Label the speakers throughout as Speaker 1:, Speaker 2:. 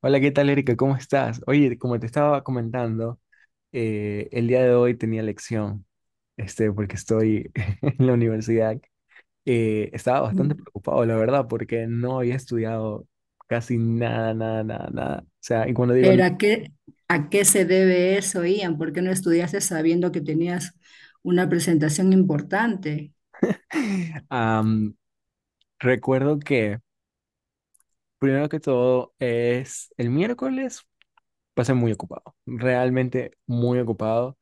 Speaker 1: Hola, ¿qué tal, Erika? ¿Cómo estás? Oye, como te estaba comentando, el día de hoy tenía lección, porque estoy en la universidad. Estaba bastante preocupado, la verdad, porque no había estudiado casi nada, nada, nada, nada. O sea, y cuando
Speaker 2: Pero ¿a qué se debe eso, Ian? ¿Por qué no estudiaste sabiendo que tenías una presentación importante?
Speaker 1: am, recuerdo que, primero que todo, es el miércoles, pasé muy ocupado, realmente muy ocupado.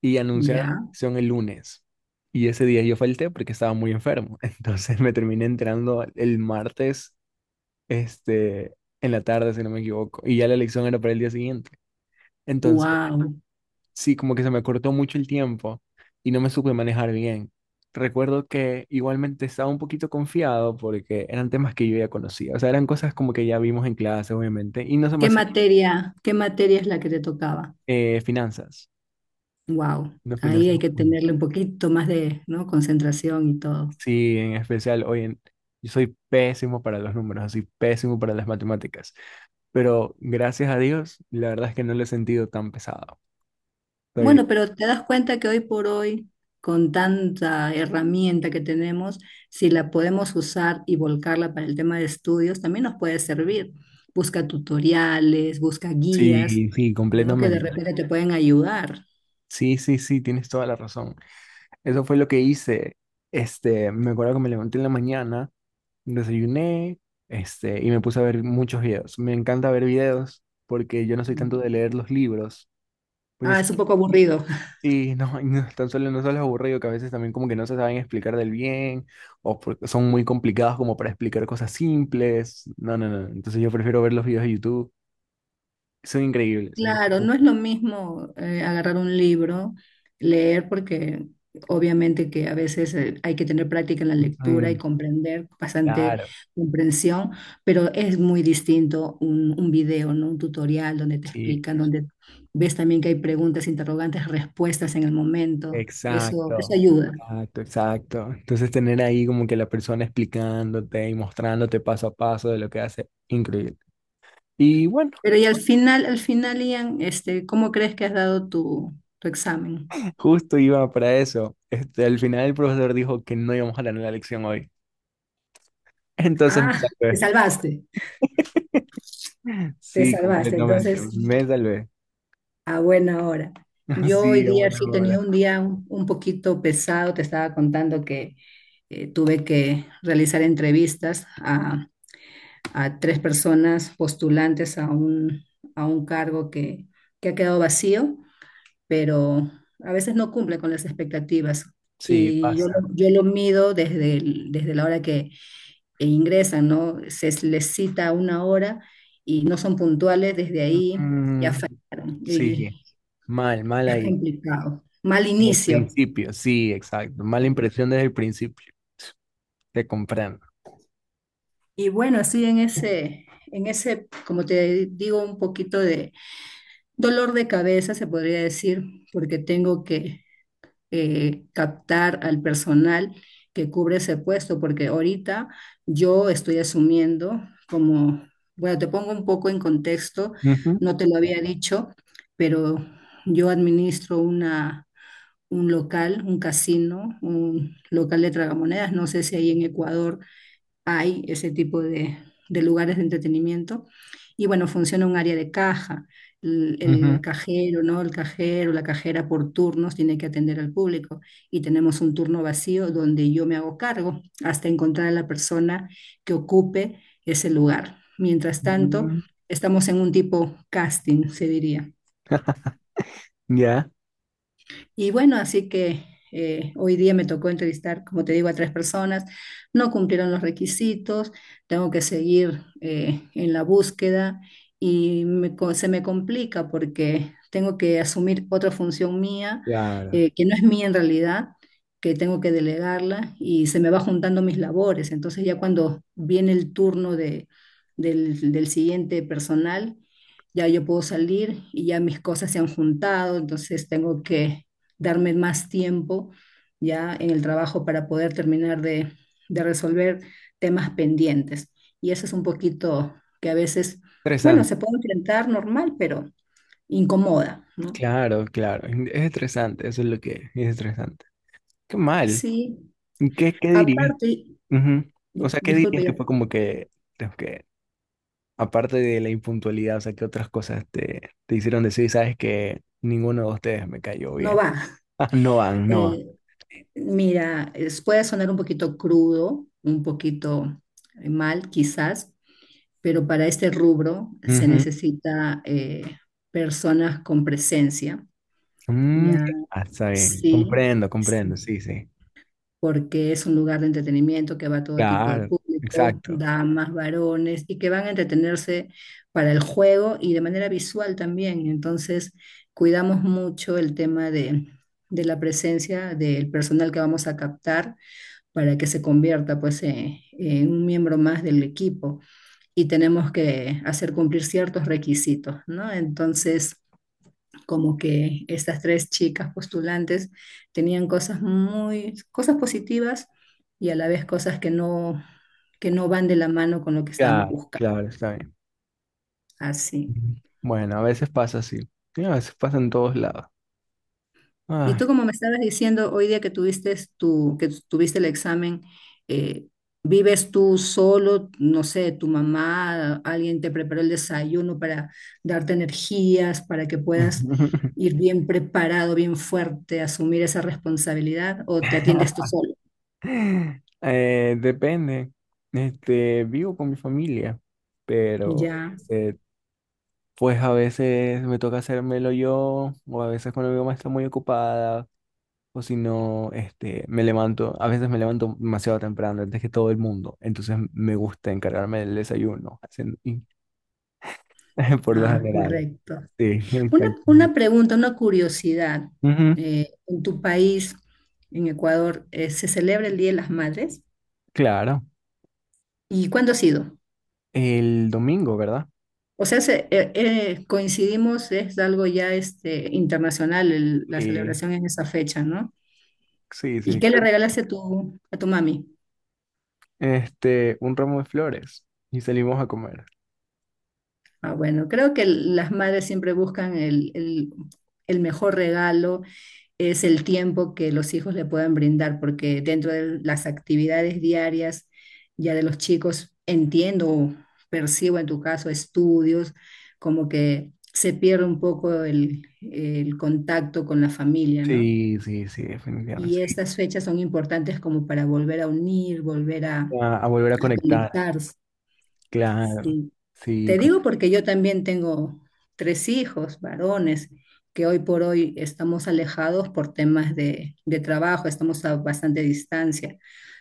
Speaker 1: Y anunciaron la
Speaker 2: Ya,
Speaker 1: elección el lunes. Y ese día yo falté porque estaba muy enfermo. Entonces me terminé entrando el martes, este, en la tarde, si no me equivoco. Y ya la elección era para el día siguiente. Entonces,
Speaker 2: wow.
Speaker 1: sí, como que se me cortó mucho el tiempo y no me supe manejar bien. Recuerdo que igualmente estaba un poquito confiado porque eran temas que yo ya conocía. O sea, eran cosas como que ya vimos en clase, obviamente. Y no se me
Speaker 2: ¿Qué
Speaker 1: hacían,
Speaker 2: materia, qué materia es la que te tocaba?
Speaker 1: finanzas.
Speaker 2: Wow.
Speaker 1: No
Speaker 2: Ahí
Speaker 1: finanzas.
Speaker 2: hay que tenerle un poquito más de, ¿no? Concentración y todo.
Speaker 1: Sí, en especial hoy en... Yo soy pésimo para los números, soy pésimo para las matemáticas, pero gracias a Dios, la verdad es que no lo he sentido tan pesado. Estoy...
Speaker 2: Bueno, pero te das cuenta que hoy por hoy, con tanta herramienta que tenemos, si la podemos usar y volcarla para el tema de estudios, también nos puede servir. Busca tutoriales, busca guías,
Speaker 1: Sí, sí,
Speaker 2: ¿no? Que de
Speaker 1: completamente.
Speaker 2: repente te pueden ayudar.
Speaker 1: Sí, sí, sí, tienes toda la razón. Eso fue lo que hice. Me acuerdo que me levanté en la mañana, desayuné, y me puse a ver muchos videos. Me encanta ver videos porque yo no soy tanto de leer los libros, porque
Speaker 2: Ah, es un poco aburrido.
Speaker 1: sí, no, y no, tan solo no solo es aburrido, que a veces también como que no se saben explicar del bien, o porque son muy complicados como para explicar cosas simples. No, no, no. Entonces yo prefiero ver los videos de YouTube. Son increíbles. Entonces,
Speaker 2: Claro,
Speaker 1: como,
Speaker 2: no es lo mismo agarrar un libro, leer, porque obviamente que a veces hay que tener práctica en la lectura y
Speaker 1: mm,
Speaker 2: comprender, bastante
Speaker 1: claro,
Speaker 2: comprensión, pero es muy distinto un video, ¿no? Un tutorial donde te
Speaker 1: sí,
Speaker 2: explican, donde ves también que hay preguntas, interrogantes, respuestas en el momento. Eso,
Speaker 1: exacto.
Speaker 2: eso ayuda.
Speaker 1: Exacto, exacto. Entonces tener ahí como que la persona explicándote y mostrándote paso a paso de lo que hace, increíble. Y bueno,
Speaker 2: Pero y al final, Ian, este, ¿cómo crees que has dado tu examen?
Speaker 1: justo iba para eso. Al final el profesor dijo que no íbamos a tener la lección hoy. Entonces me
Speaker 2: Ah, te
Speaker 1: salvé.
Speaker 2: salvaste, te
Speaker 1: Sí,
Speaker 2: salvaste.
Speaker 1: completamente.
Speaker 2: Entonces...
Speaker 1: Me salvé.
Speaker 2: A buena hora. Yo hoy
Speaker 1: Sí, a
Speaker 2: día
Speaker 1: buena
Speaker 2: sí he
Speaker 1: hora.
Speaker 2: tenido un día un poquito pesado. Te estaba contando que tuve que realizar entrevistas a tres personas postulantes a un cargo que ha quedado vacío, pero a veces no cumple con las expectativas.
Speaker 1: Sí,
Speaker 2: Y yo,
Speaker 1: pasa.
Speaker 2: yo lo mido desde, desde la hora que ingresan, ¿no? Se les cita una hora y no son puntuales, desde ahí ya
Speaker 1: Mm,
Speaker 2: fallaron.
Speaker 1: sí,
Speaker 2: Y,
Speaker 1: mal, mal
Speaker 2: es
Speaker 1: ahí.
Speaker 2: complicado. Mal
Speaker 1: Desde el
Speaker 2: inicio.
Speaker 1: principio, sí, exacto. Mala impresión desde el principio. Te comprando.
Speaker 2: Y bueno, así en ese, como te digo, un poquito de dolor de cabeza, se podría decir, porque tengo que captar al personal que cubre ese puesto, porque ahorita yo estoy asumiendo como, bueno, te pongo un poco en contexto,
Speaker 1: Ujú,
Speaker 2: no te lo había dicho, pero yo administro un local, un casino, un local de tragamonedas, no sé si ahí en Ecuador hay ese tipo de lugares de entretenimiento. Y bueno, funciona un área de caja. El, el
Speaker 1: ujú.
Speaker 2: cajero, ¿no? El cajero, la cajera por turnos tiene que atender al público y tenemos un turno vacío donde yo me hago cargo hasta encontrar a la persona que ocupe ese lugar. Mientras tanto,
Speaker 1: Mm,
Speaker 2: estamos en un tipo casting, se diría.
Speaker 1: ya,
Speaker 2: Y bueno, así que hoy día me tocó entrevistar, como te digo, a tres personas. No cumplieron los requisitos, tengo que seguir en la búsqueda y se me complica porque tengo que asumir otra función mía,
Speaker 1: claro.
Speaker 2: que no es mía en realidad, que tengo que delegarla y se me va juntando mis labores. Entonces ya cuando viene el turno de, del siguiente personal, ya yo puedo salir y ya mis cosas se han juntado, entonces tengo que darme más tiempo ya en el trabajo para poder terminar de resolver temas pendientes. Y eso es un poquito que a veces, bueno,
Speaker 1: Estresante.
Speaker 2: se puede enfrentar normal, pero incomoda, ¿no?
Speaker 1: Claro, claro. Es estresante, eso es lo que es. Es estresante. Qué mal.
Speaker 2: Sí,
Speaker 1: ¿Y qué, qué dirías?
Speaker 2: aparte,
Speaker 1: Ujú. O sea, ¿qué
Speaker 2: disculpe,
Speaker 1: dirías que
Speaker 2: ya
Speaker 1: fue como que, aparte de la impuntualidad, o sea, ¿qué otras cosas te, te hicieron decir? Sabes que ninguno de ustedes me cayó
Speaker 2: no
Speaker 1: bien.
Speaker 2: va.
Speaker 1: Ah, no van, no van.
Speaker 2: Eh, mira, puede sonar un poquito crudo, un poquito mal quizás, pero para este rubro se
Speaker 1: Ujú.
Speaker 2: necesita personas con presencia,
Speaker 1: Mm,
Speaker 2: ya.
Speaker 1: ya, está bien.
Speaker 2: Sí,
Speaker 1: Comprendo,
Speaker 2: sí,
Speaker 1: comprendo, sí, sí.
Speaker 2: porque es un lugar de entretenimiento que va todo tipo de
Speaker 1: Claro,
Speaker 2: público,
Speaker 1: exacto.
Speaker 2: damas, varones, y que van a entretenerse para el juego y de manera visual también. Entonces, cuidamos mucho el tema de la presencia del personal que vamos a captar para que se convierta pues en, un miembro más del equipo y tenemos que hacer cumplir ciertos requisitos, ¿no? Entonces como que estas tres chicas postulantes tenían cosas muy, cosas positivas y a la vez cosas que no van de la mano con lo que estábamos
Speaker 1: Claro,
Speaker 2: buscando.
Speaker 1: claro, está bien.
Speaker 2: Así.
Speaker 1: Ujú. Bueno, a veces pasa así. Y a veces pasa en todos lados.
Speaker 2: Y
Speaker 1: Ay.
Speaker 2: tú, como me estabas diciendo, hoy día que tuviste tu, que tuviste el examen, eh, ¿vives tú solo? No sé, tu mamá, alguien te preparó el desayuno para darte energías, para que puedas ir bien preparado, bien fuerte, asumir esa responsabilidad, o te atiendes tú solo.
Speaker 1: Depende. Vivo con mi familia, pero
Speaker 2: Ya.
Speaker 1: eh, pues a veces me toca hacérmelo yo, o a veces cuando mi mamá está muy ocupada, o si no, me levanto, a veces me levanto demasiado temprano, antes que todo el mundo, entonces me gusta encargarme del desayuno, por lo
Speaker 2: Ah,
Speaker 1: general.
Speaker 2: correcto.
Speaker 1: Sí,
Speaker 2: Una,
Speaker 1: exacto.
Speaker 2: una pregunta, una curiosidad.
Speaker 1: Ujú,
Speaker 2: En tu país, en Ecuador, ¿se celebra el Día de las Madres?
Speaker 1: claro,
Speaker 2: ¿Y cuándo ha sido?
Speaker 1: el domingo, ¿verdad?
Speaker 2: O sea, coincidimos, es algo ya este, internacional la
Speaker 1: Sí,
Speaker 2: celebración en esa fecha, ¿no?
Speaker 1: sí,
Speaker 2: ¿Y
Speaker 1: sí,
Speaker 2: qué le
Speaker 1: creo-
Speaker 2: regalaste a tu mami?
Speaker 1: un ramo de flores y salimos a comer.
Speaker 2: Ah, bueno, creo que las madres siempre buscan el mejor regalo, es el tiempo que los hijos le puedan brindar, porque dentro de las actividades diarias ya de los chicos, entiendo, percibo en tu caso estudios, como que se pierde un poco el contacto con la familia, ¿no?
Speaker 1: Sí, sí, sí, definitivamente.
Speaker 2: Y
Speaker 1: Sí.
Speaker 2: estas fechas son importantes como para volver a unir, volver a
Speaker 1: A volver a conectar,
Speaker 2: conectarse.
Speaker 1: claro,
Speaker 2: Sí.
Speaker 1: sí.
Speaker 2: Te digo porque yo también tengo tres hijos varones que hoy por hoy estamos alejados por temas de trabajo, estamos a bastante distancia,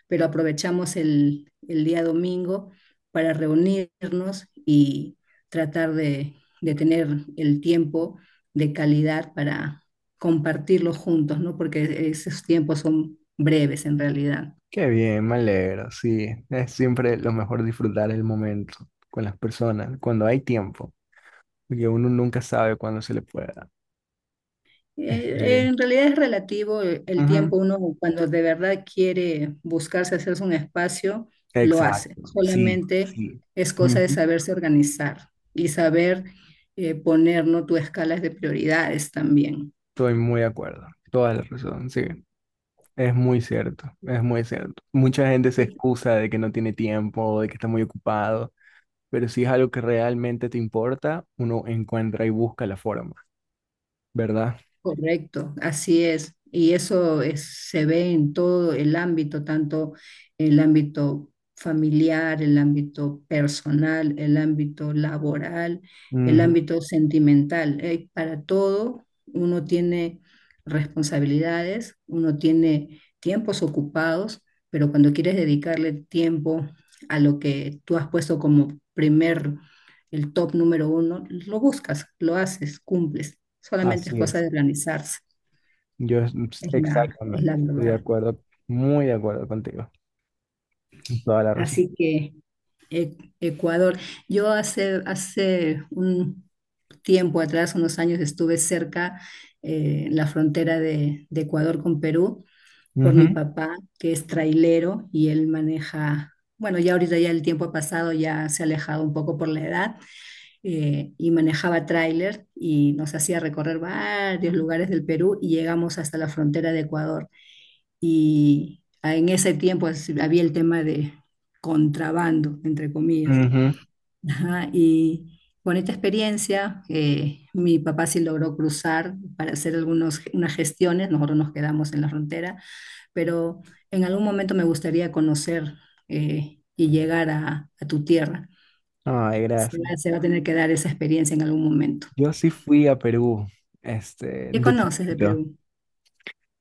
Speaker 2: pero aprovechamos el día domingo para reunirnos y tratar de tener el tiempo de calidad para compartirlo juntos, ¿no? Porque esos tiempos son breves en realidad.
Speaker 1: Qué bien, me alegro, sí. Es siempre lo mejor disfrutar el momento con las personas, cuando hay tiempo, porque uno nunca sabe cuándo se le pueda. Este,
Speaker 2: En realidad es relativo el
Speaker 1: ujú,
Speaker 2: tiempo. Uno cuando de verdad quiere buscarse hacerse un espacio, lo hace.
Speaker 1: exacto, sí,
Speaker 2: Solamente
Speaker 1: sí.
Speaker 2: es cosa de
Speaker 1: Ujú,
Speaker 2: saberse organizar y saber poner, ¿no? Tus escalas de prioridades también.
Speaker 1: estoy muy de acuerdo, toda la razón, sí. Es muy cierto, es muy cierto. Mucha gente se
Speaker 2: Y
Speaker 1: excusa de que no tiene tiempo, de que está muy ocupado, pero si es algo que realmente te importa, uno encuentra y busca la forma, ¿verdad?
Speaker 2: correcto, así es. Se ve en todo el ámbito, tanto el ámbito familiar, el ámbito personal, el ámbito laboral, el
Speaker 1: Ujú,
Speaker 2: ámbito sentimental. Para todo uno tiene responsabilidades, uno tiene tiempos ocupados, pero cuando quieres dedicarle tiempo a lo que tú has puesto como primer, el top número uno, lo buscas, lo haces, cumples. Solamente es
Speaker 1: así
Speaker 2: cosa
Speaker 1: es.
Speaker 2: de organizarse,
Speaker 1: Yo es-
Speaker 2: es
Speaker 1: exactamente,
Speaker 2: la
Speaker 1: estoy de
Speaker 2: verdad.
Speaker 1: acuerdo, muy de acuerdo contigo, toda la razón.
Speaker 2: Así que Ecuador, yo hace, hace un tiempo atrás, unos años, estuve cerca en la frontera de Ecuador con Perú por mi
Speaker 1: Ujú,
Speaker 2: papá, que es trailero y él maneja, bueno, ya ahorita ya el tiempo ha pasado, ya se ha alejado un poco por la edad, y manejaba tráiler y nos hacía recorrer varios lugares del Perú y llegamos hasta la frontera de Ecuador. Y en ese tiempo había el tema de contrabando, entre comillas.
Speaker 1: ujú.
Speaker 2: Ajá, y bonita experiencia. Mi papá sí logró cruzar para hacer algunos unas gestiones, nosotros nos quedamos en la frontera, pero en algún momento me gustaría conocer y llegar a tu tierra.
Speaker 1: Ay, gracias.
Speaker 2: Se va a tener que dar esa experiencia en algún momento.
Speaker 1: Yo sí fui a Perú,
Speaker 2: ¿Qué
Speaker 1: de
Speaker 2: conoces de
Speaker 1: chiquito.
Speaker 2: Perú?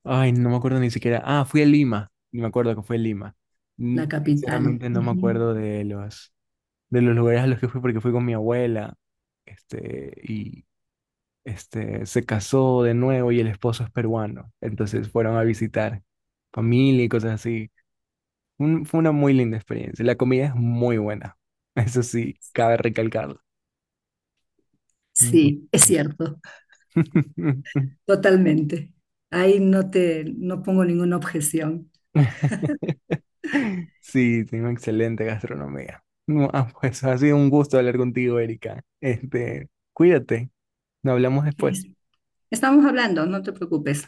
Speaker 1: Ay, no me acuerdo ni siquiera. Ah, fui a Lima, y me acuerdo que fue Lima. Mm,
Speaker 2: La capital.
Speaker 1: sinceramente no me
Speaker 2: Ujú.
Speaker 1: acuerdo de de los lugares a los que fui porque fui con mi abuela, este, y se casó de nuevo y el esposo es peruano, entonces fueron a visitar familia y cosas así. Fue una muy linda experiencia. La comida es muy buena. Eso sí, cabe recalcarlo. Muy
Speaker 2: Sí, es
Speaker 1: buena.
Speaker 2: cierto, totalmente. Ahí no te, no pongo ninguna objeción.
Speaker 1: Sí, tengo excelente gastronomía. No, ah, pues ha sido un gusto hablar contigo, Erika. Cuídate. Nos hablamos
Speaker 2: Es-
Speaker 1: después.
Speaker 2: Estamos hablando, no te preocupes.